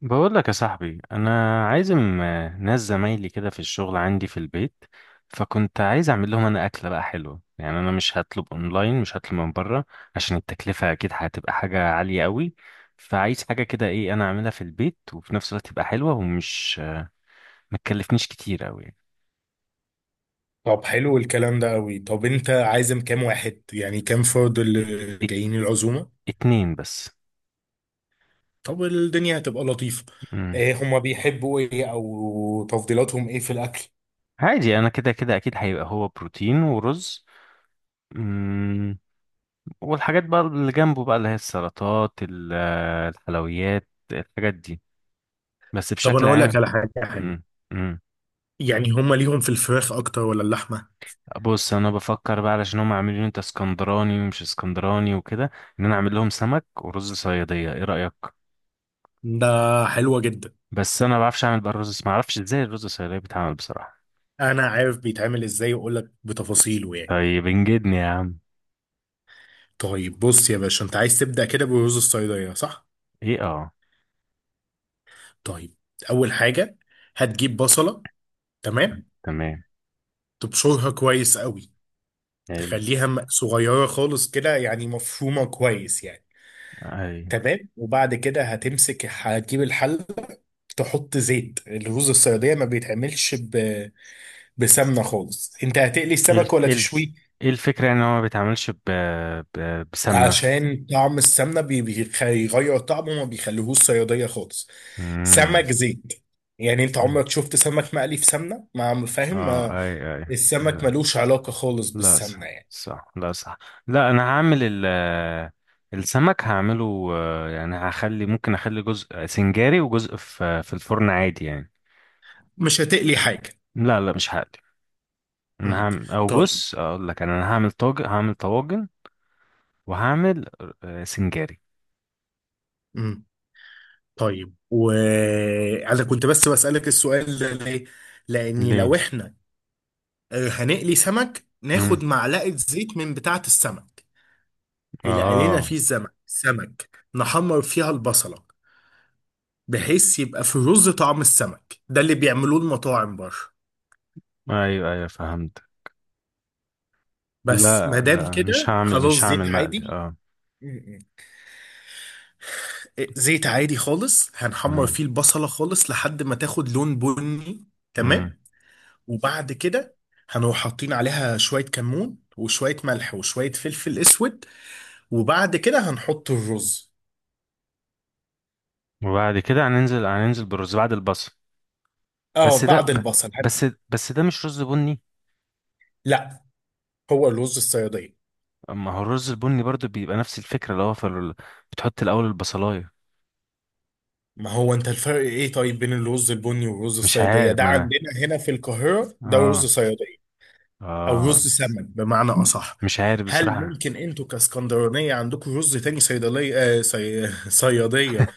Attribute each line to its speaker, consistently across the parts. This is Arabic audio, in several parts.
Speaker 1: بقول لك يا صاحبي، انا عازم ناس زمايلي كده في الشغل عندي في البيت. فكنت عايز اعمل لهم انا اكله بقى حلوه. يعني انا مش هطلب اونلاين، مش هطلب من بره عشان التكلفه اكيد هتبقى حاجه عاليه قوي. فعايز حاجه كده، ايه، انا اعملها في البيت وفي نفس الوقت تبقى حلوه ومش ما تكلفنيش كتير قوي يعني.
Speaker 2: طب، حلو الكلام ده قوي. طب انت عازم كام واحد؟ يعني كام فرد
Speaker 1: ات-
Speaker 2: اللي
Speaker 1: ات-
Speaker 2: جايين العزومة؟
Speaker 1: اتنين بس.
Speaker 2: طب الدنيا هتبقى لطيفة.
Speaker 1: مم.
Speaker 2: ايه هما بيحبوا؟ ايه او تفضيلاتهم ايه في الاكل؟
Speaker 1: عادي، انا كده كده اكيد هيبقى هو بروتين ورز، والحاجات بقى اللي جنبه، بقى اللي هي السلطات، الحلويات، الحاجات دي، بس
Speaker 2: طب انا
Speaker 1: بشكل
Speaker 2: اقول لك
Speaker 1: عام.
Speaker 2: على حاجة
Speaker 1: امم
Speaker 2: حلوة.
Speaker 1: امم
Speaker 2: يعني هما ليهم في الفراخ اكتر ولا اللحمة؟
Speaker 1: بص، انا بفكر بقى، علشان هم عاملين إيه، انت اسكندراني ومش اسكندراني وكده، ان انا اعمل لهم سمك ورز صياديه. ايه رايك؟
Speaker 2: ده حلوة جدا.
Speaker 1: بس انا ما بعرفش اعمل بقى الرز، ما اعرفش ازاي الرز الصياديه بيتعمل بصراحه.
Speaker 2: انا عارف بيتعمل ازاي واقول لك بتفاصيله يعني.
Speaker 1: طيب انجدني يا عم.
Speaker 2: طيب بص يا باشا، انت عايز تبدأ كده بالرز الصيدلية، صح؟
Speaker 1: ايه، اه.
Speaker 2: طيب. اول حاجة هتجيب بصلة، تمام.
Speaker 1: تمام.
Speaker 2: تبشرها كويس قوي،
Speaker 1: ال،
Speaker 2: تخليها صغيرة خالص كده، يعني مفرومة كويس يعني،
Speaker 1: اي.
Speaker 2: تمام. وبعد كده هتمسك هتجيب الحل. تحط زيت، الرز الصيادية ما بيتعملش بسمنة خالص. انت هتقلي
Speaker 1: إيه
Speaker 2: السمك
Speaker 1: الف،
Speaker 2: ولا
Speaker 1: إيه
Speaker 2: تشويه؟
Speaker 1: الف، ايه الفكره يعني ان هو ما بيتعملش بسمنه؟
Speaker 2: عشان طعم السمنة بيغير طعمه وما بيخليهوش صيادية خالص.
Speaker 1: امم
Speaker 2: سمك زيت، يعني انت عمرك شفت سمك مقلي في سمنة؟ ما فاهم،
Speaker 1: اه،
Speaker 2: ما
Speaker 1: اي، اي.
Speaker 2: السمك
Speaker 1: لا.
Speaker 2: ملوش علاقة خالص
Speaker 1: لا
Speaker 2: بالسمنة
Speaker 1: صح،
Speaker 2: يعني.
Speaker 1: صح، لا صح. لا، انا هعمل ال آه، السمك هعمله، يعني هخلي، ممكن اخلي جزء سنجاري وجزء في الفرن عادي يعني.
Speaker 2: مش هتقلي حاجة.
Speaker 1: لا لا، مش هقلي. انا
Speaker 2: مم.
Speaker 1: هعمل، او
Speaker 2: طيب.
Speaker 1: بص اقول لك، انا هعمل طاجن، هعمل طواجن. وهعمل سنجاري.
Speaker 2: مم. طيب، وانا كنت بس بسألك السؤال ده ليه؟ لأني لو
Speaker 1: ليه؟
Speaker 2: احنا هنقلي سمك،
Speaker 1: مم.
Speaker 2: ناخد معلقة زيت من بتاعة السمك اللي قلينا
Speaker 1: اه.
Speaker 2: فيه السمك، سمك، نحمر فيها البصلة، بحيث يبقى في رز طعم السمك، ده اللي بيعملوه المطاعم بره.
Speaker 1: ايوه ايوه فهمت.
Speaker 2: بس
Speaker 1: لا
Speaker 2: ما دام
Speaker 1: لا،
Speaker 2: كده،
Speaker 1: مش هعمل،
Speaker 2: خلاص
Speaker 1: مش هعمل
Speaker 2: زيت
Speaker 1: مقلي،
Speaker 2: عادي.
Speaker 1: اه.
Speaker 2: م- م. زيت عادي خالص، هنحمر
Speaker 1: تمام.
Speaker 2: فيه البصلة خالص لحد ما تاخد لون بني،
Speaker 1: مم.
Speaker 2: تمام. وبعد كده هنروح حاطين عليها شوية كمون وشوية ملح وشوية فلفل اسود، وبعد كده هنحط الرز.
Speaker 1: وبعد كده هننزل، هننزل بالرز بعد البصل.
Speaker 2: اه
Speaker 1: بس ده
Speaker 2: بعد
Speaker 1: ب-
Speaker 2: البصل
Speaker 1: بس بس ده مش رز بني؟
Speaker 2: لا، هو الرز الصيادية.
Speaker 1: ما هو الرز البني برضو بيبقى نفس الفكرة، اللي هو في بتحط الأول البصلاية.
Speaker 2: ما هو، انت الفرق ايه طيب بين الرز البني والرز
Speaker 1: مش
Speaker 2: الصيادية؟
Speaker 1: عارف،
Speaker 2: ده
Speaker 1: ما أنا،
Speaker 2: عندنا هنا في القاهرة ده
Speaker 1: آه،
Speaker 2: رز صيادية، او
Speaker 1: آه،
Speaker 2: رز سمن بمعنى اصح.
Speaker 1: مش عارف
Speaker 2: هل
Speaker 1: بصراحة.
Speaker 2: ممكن انتوا كاسكندرانية عندكم رز تاني، صيدلية آه صيادية،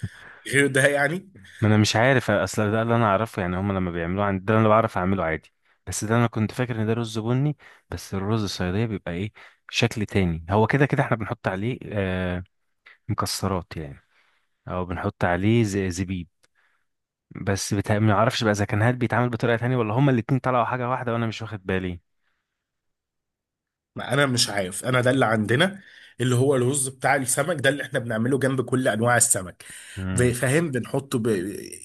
Speaker 2: غير ده يعني؟
Speaker 1: ما أنا مش عارف، أصل ده اللي أنا أعرفه يعني، هما لما بيعملوه عندي ده أنا بعرف أعمله عادي. بس ده أنا كنت فاكر إن ده رز بني. بس الرز الصيادية بيبقى إيه؟ شكل تاني. هو كده كده إحنا بنحط عليه آه مكسرات يعني، أو بنحط عليه زبيب. بس ما أعرفش بقى إذا كان هاد بيتعمل بطريقة تانية ولا هما الاتنين طلعوا حاجة واحدة وأنا مش واخد بالي.
Speaker 2: ما انا مش عارف، انا ده اللي عندنا، اللي هو الرز بتاع السمك ده اللي احنا بنعمله جنب كل انواع السمك.
Speaker 1: مم.
Speaker 2: فاهم، بنحطه.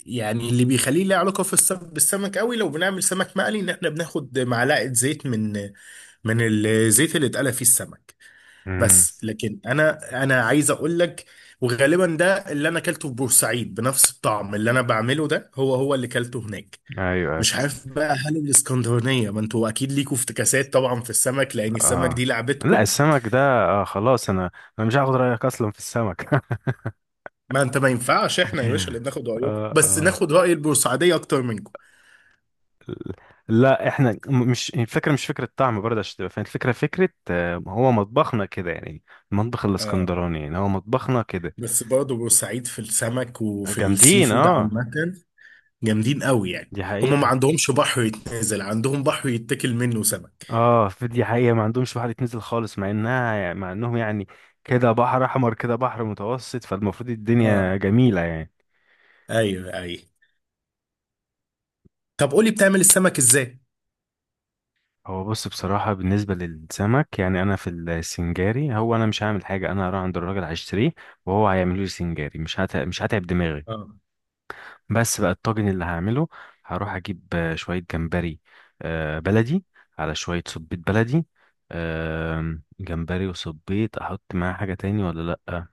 Speaker 2: يعني اللي بيخليه له علاقه في السمك، بالسمك قوي لو بنعمل سمك مقلي، ان احنا بناخد معلقه زيت من من الزيت اللي اتقلى فيه السمك.
Speaker 1: مم.
Speaker 2: بس لكن انا عايز اقول لك، وغالبا ده اللي انا اكلته في بورسعيد بنفس الطعم اللي انا بعمله، ده هو هو اللي اكلته هناك.
Speaker 1: ايوه. أيوة.
Speaker 2: مش عارف بقى، هل الاسكندرانيه، ما انتوا اكيد ليكوا افتكاسات طبعا في السمك، لان السمك
Speaker 1: اه.
Speaker 2: دي
Speaker 1: لا،
Speaker 2: لعبتكم.
Speaker 1: السمك ده، آه خلاص انا مش هاخد رايك اصلا في السمك
Speaker 2: ما انت، ما ينفعش احنا يا باشا اللي بناخد رايكم؟
Speaker 1: اه،
Speaker 2: بس
Speaker 1: اه.
Speaker 2: ناخد راي البورسعيديه اكتر منكم.
Speaker 1: لا احنا، مش الفكره، مش فكره طعم برضه عشان تبقى فاهم الفكره، فكره هو مطبخنا كده يعني. المطبخ
Speaker 2: اه،
Speaker 1: الاسكندراني يعني هو مطبخنا كده.
Speaker 2: بس برضه بورسعيد في السمك وفي السي
Speaker 1: جامدين
Speaker 2: فود
Speaker 1: اه.
Speaker 2: عامه جامدين قوي يعني.
Speaker 1: دي
Speaker 2: هم ما
Speaker 1: حقيقه.
Speaker 2: عندهمش بحر يتنزل، عندهم بحر يتاكل منه سمك.
Speaker 1: اه، في، دي حقيقه، ما عندهمش واحد يتنزل خالص، مع انها يعني، مع انهم يعني كده بحر احمر، كده بحر متوسط، فالمفروض
Speaker 2: اه،
Speaker 1: الدنيا جميله يعني.
Speaker 2: ايوه ايوه. طب قولي، بتعمل السمك ازاي؟
Speaker 1: هو بص، بصراحة، بالنسبة للسمك يعني، أنا في السنجاري هو أنا مش هعمل حاجة، أنا هروح عند الراجل هشتريه وهو هيعمله لي سنجاري، مش هتعب دماغي.
Speaker 2: اه.
Speaker 1: بس بقى الطاجن اللي هعمله، هروح أجيب شوية جمبري بلدي، على شوية صبيط بلدي. آم، جمبري وصبيط، أحط معاه حاجة تاني ولا لأ؟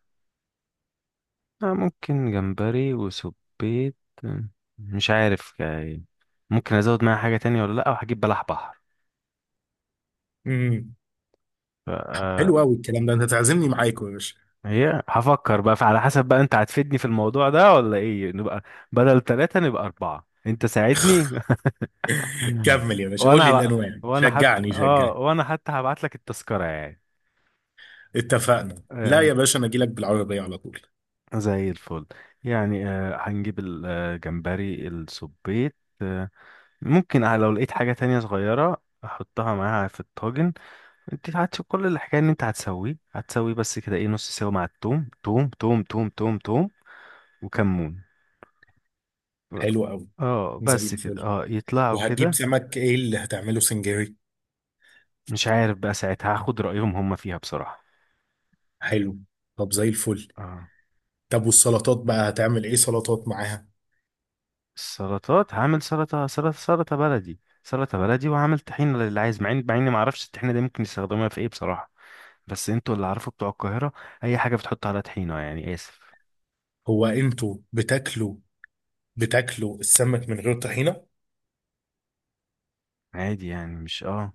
Speaker 1: ممكن جمبري وصبيط. آه، مش عارف يعني. ممكن أزود معاه حاجة تانية ولا لأ. وهجيب بلح
Speaker 2: امم
Speaker 1: بحر.
Speaker 2: حلو قوي الكلام ده، انت تعزمني معاكم يا باشا.
Speaker 1: هي هفكر بقى على حسب، بقى انت هتفيدني في الموضوع ده ولا ايه، نبقى بدل ثلاثة نبقى أربعة. انت ساعدني
Speaker 2: كمل يا باشا، قول
Speaker 1: وانا
Speaker 2: لي
Speaker 1: هبقى،
Speaker 2: الانواع،
Speaker 1: وانا حتى
Speaker 2: شجعني
Speaker 1: اه،
Speaker 2: شجعني.
Speaker 1: وانا حتى هبعت لك التذكرة يعني.
Speaker 2: اتفقنا. لا
Speaker 1: آه،
Speaker 2: يا باشا، انا اجي لك بالعربيه على طول.
Speaker 1: زي الفل. يعني آه هنجيب الجمبري، السبيت، آه، ممكن لو لقيت حاجة تانية صغيرة احطها معاها في الطاجن. انت هتشوف كل الحكاية ان انت هتسويه، هتسويه بس كده، ايه، نص سوا مع التوم، توم توم توم توم توم وكمون.
Speaker 2: حلو قوي.
Speaker 1: اه
Speaker 2: زي
Speaker 1: بس كده،
Speaker 2: الفل.
Speaker 1: اه يطلعوا
Speaker 2: وهتجيب
Speaker 1: كده.
Speaker 2: سمك ايه اللي هتعمله سنجاري؟
Speaker 1: مش عارف بقى ساعتها، هاخد رأيهم هم فيها بصراحة.
Speaker 2: حلو. طب زي الفل.
Speaker 1: اه.
Speaker 2: طب والسلطات بقى، هتعمل ايه سلطات معاها؟
Speaker 1: السلطات هعمل سلطة، سلطة، سلطة بلدي، سلطة بلدي، وهعمل طحينة للي عايز، مع مع اني ما اعرفش الطحينة دي ممكن يستخدموها في ايه بصراحة، بس انتوا اللي عارفوا بتوع القاهرة. اي حاجة بتحط عليها طحينة يعني، اسف.
Speaker 2: هو انتوا بتاكلوا السمك من غير طحينة؟
Speaker 1: عادي يعني، مش اه.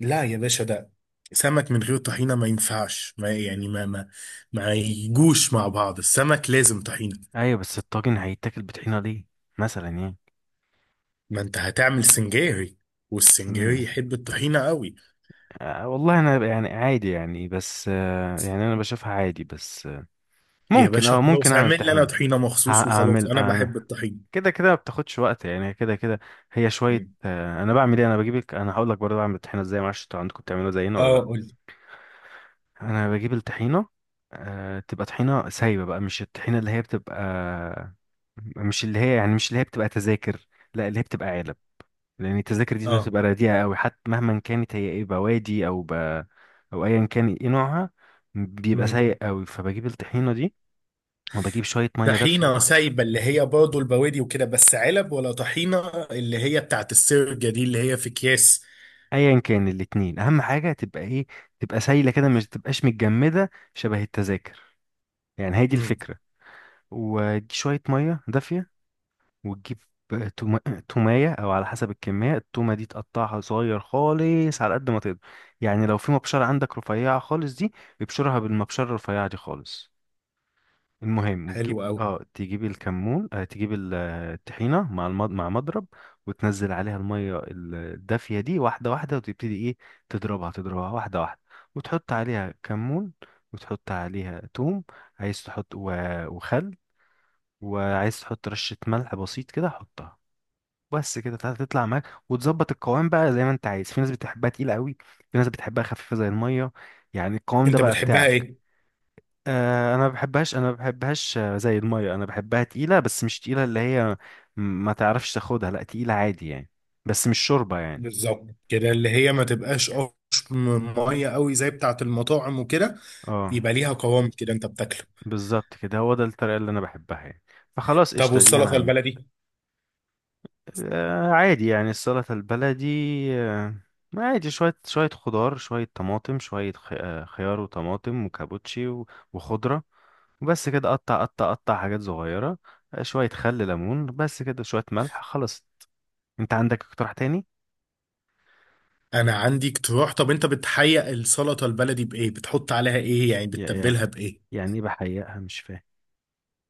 Speaker 2: لا يا باشا، ده سمك من غير طحينة ما ينفعش، ما يعني، ما يجوش مع بعض، السمك لازم طحينة.
Speaker 1: ايوه، بس الطاجن هيتاكل بطحينة ليه مثلا يعني؟
Speaker 2: ما انت هتعمل سنجاري، والسنجاري
Speaker 1: مم.
Speaker 2: يحب الطحينة قوي.
Speaker 1: آه والله انا يعني عادي يعني، بس آه يعني انا بشوفها عادي، بس آه
Speaker 2: يا
Speaker 1: ممكن
Speaker 2: باشا
Speaker 1: اه، ممكن
Speaker 2: خلاص،
Speaker 1: اعمل
Speaker 2: اعمل لي انا
Speaker 1: طحينة.
Speaker 2: طحينة مخصوص، وخلاص
Speaker 1: هعمل،
Speaker 2: انا بحب الطحينة.
Speaker 1: كده كده ما بتاخدش وقت يعني، كده كده هي شويه.
Speaker 2: مم.
Speaker 1: انا بعمل ايه، انا بجيبك، انا هقول لك برضه بعمل الطحينه ازاي، معرفش انتوا عندكم بتعملوها زينا ولا
Speaker 2: اه
Speaker 1: لا.
Speaker 2: قول لي.
Speaker 1: انا بجيب الطحينه، تبقى طحينه سايبه بقى، مش الطحينه اللي هي بتبقى، مش اللي هي يعني، مش اللي هي بتبقى تذاكر، لا اللي هي بتبقى علب، لان التذاكر دي
Speaker 2: اه.
Speaker 1: بتبقى رديئه قوي حتى، مهما كانت هي ايه، بوادي او او ايا كان ايه نوعها، بيبقى
Speaker 2: مم.
Speaker 1: سيء قوي. فبجيب الطحينه دي، وبجيب شويه ميه
Speaker 2: طحينة
Speaker 1: دافيه.
Speaker 2: سايبة، اللي هي برضه البوادي وكده، بس علب ولا طحينة اللي هي بتاعت السرجة دي اللي هي في أكياس؟
Speaker 1: ايا كان الاتنين، اهم حاجه تبقى ايه، تبقى سايله كده، مش تبقاش متجمده شبه التذاكر، يعني هي دي
Speaker 2: امم
Speaker 1: الفكره. ودي شويه ميه دافيه. وتجيب توم- تومايه، او على حسب الكميه، التومه دي تقطعها صغير خالص على قد ما تقدر. يعني لو في مبشره عندك رفيعه خالص دي، ابشرها بالمبشره الرفيعه دي خالص. المهم، وتجيب
Speaker 2: حلو أوي.
Speaker 1: اه، تجيب الكمون، آه تجيب الطحينه مع مع مضرب، وتنزل عليها الميه الدافيه دي واحده واحده، وتبتدي ايه، تضربها، تضربها واحده واحده. وتحط عليها كمون، وتحط عليها توم، عايز تحط وخل، وعايز تحط رشه ملح بسيط كده حطها. بس كده، تطلع معاك وتظبط القوام بقى زي ما انت عايز. في ناس بتحبها تقيله قوي، في ناس بتحبها خفيفه زي الميه، يعني القوام ده
Speaker 2: أنت
Speaker 1: بقى
Speaker 2: بتحبها
Speaker 1: بتاعك.
Speaker 2: إيه؟
Speaker 1: انا ما بحبهاش، انا ما بحبهاش زي الميه، انا بحبها تقيله، بس مش تقيله اللي هي، ما تعرفش تاخدها، لا تقيله عادي يعني، بس مش شوربه يعني.
Speaker 2: بالظبط كده، اللي هي ما تبقاش قش، مية قوي زي بتاعت المطاعم وكده،
Speaker 1: اه
Speaker 2: يبقى ليها قوام كده أنت بتاكله.
Speaker 1: بالظبط كده، هو ده الطريقه اللي انا بحبها يعني. فخلاص
Speaker 2: طب
Speaker 1: قشطه، دي انا
Speaker 2: والسلطة
Speaker 1: هعمل.
Speaker 2: البلدي؟
Speaker 1: آه عادي يعني، السلطه البلدي، آه عادي، شويه، شويه خضار، شويه طماطم، شويه خ- آه، خيار وطماطم وكابوتشي وخضره، وبس كده، قطع قطع قطع، حاجات صغيره. شويه خل، ليمون، بس كده، شويه ملح، خلاص. انت عندك اقتراح تاني؟
Speaker 2: أنا عندي اقتراح. طب أنت بتحيق السلطة البلدي بإيه؟ بتحط عليها إيه؟ يعني
Speaker 1: يعني،
Speaker 2: بتتبلها بإيه؟
Speaker 1: يعني ايه بحيقها، مش فاهم.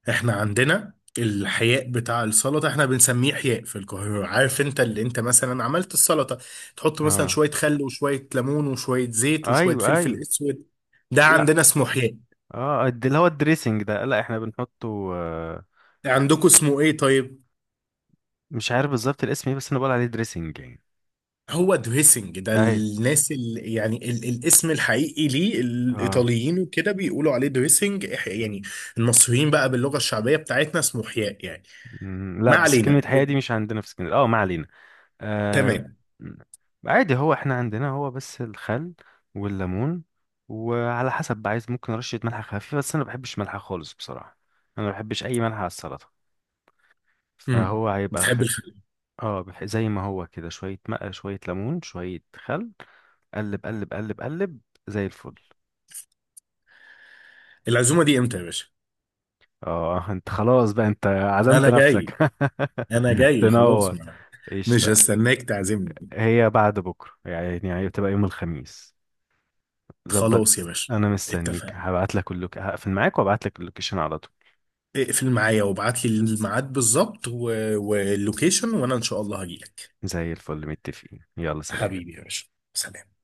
Speaker 2: احنا عندنا الحياء بتاع السلطة، احنا بنسميه حياء في القاهرة، عارف؟ انت اللي انت مثلا عملت السلطة، تحط مثلا
Speaker 1: اه
Speaker 2: شوية خل وشوية ليمون وشوية زيت وشوية
Speaker 1: ايوه
Speaker 2: فلفل
Speaker 1: ايوه.
Speaker 2: اسود، ده
Speaker 1: لا
Speaker 2: عندنا اسمه حياء.
Speaker 1: اه، اللي هو الدريسنج ده، لا احنا بنحطه آه.
Speaker 2: عندكم اسمه ايه طيب؟
Speaker 1: مش عارف بالظبط الاسم ايه، بس انا بقول عليه دريسنج يعني.
Speaker 2: هو دريسنج ده،
Speaker 1: ايوه،
Speaker 2: الناس اللي يعني، الاسم الحقيقي ليه
Speaker 1: اه.
Speaker 2: الايطاليين وكده، بيقولوا عليه دريسنج يعني. المصريين بقى باللغة الشعبية بتاعتنا اسمه حياء يعني.
Speaker 1: مم،
Speaker 2: ما
Speaker 1: لا بس
Speaker 2: علينا.
Speaker 1: كلمة حياة دي مش عندنا في اسكندرية، اه ما علينا. آه.
Speaker 2: تمام.
Speaker 1: مم. عادي، هو احنا عندنا هو بس الخل والليمون، وعلى حسب بقى عايز، ممكن رشة ملح خفيفة، بس انا ما بحبش ملح خالص بصراحة، انا ما بحبش اي ملح على السلطة،
Speaker 2: امم
Speaker 1: فهو هيبقى
Speaker 2: بتحب الخل؟
Speaker 1: اه، زي ما هو كده، شوية ماء، شوية ليمون، شوية خل، قلب قلب قلب قلب، زي الفل.
Speaker 2: العزومة دي امتى يا باشا؟
Speaker 1: اه انت خلاص بقى، انت عزمت
Speaker 2: انا
Speaker 1: نفسك
Speaker 2: جاي انا جاي خلاص
Speaker 1: تنور.
Speaker 2: ما. مش
Speaker 1: قشطة.
Speaker 2: هستناك تعزمني.
Speaker 1: هي بعد بكرة يعني، يعني بتبقى يوم الخميس. ظبط.
Speaker 2: خلاص يا باشا،
Speaker 1: انا مستنيك،
Speaker 2: اتفقنا،
Speaker 1: هبعت لك اللوك، هقفل معاك وابعت لك اللوكيشن على طول.
Speaker 2: اقفل معايا وابعت لي الميعاد بالظبط واللوكيشن، وانا ان شاء الله هجيلك.
Speaker 1: زي الفل، متفقين، يلا سلام.
Speaker 2: حبيبي يا باشا، سلام.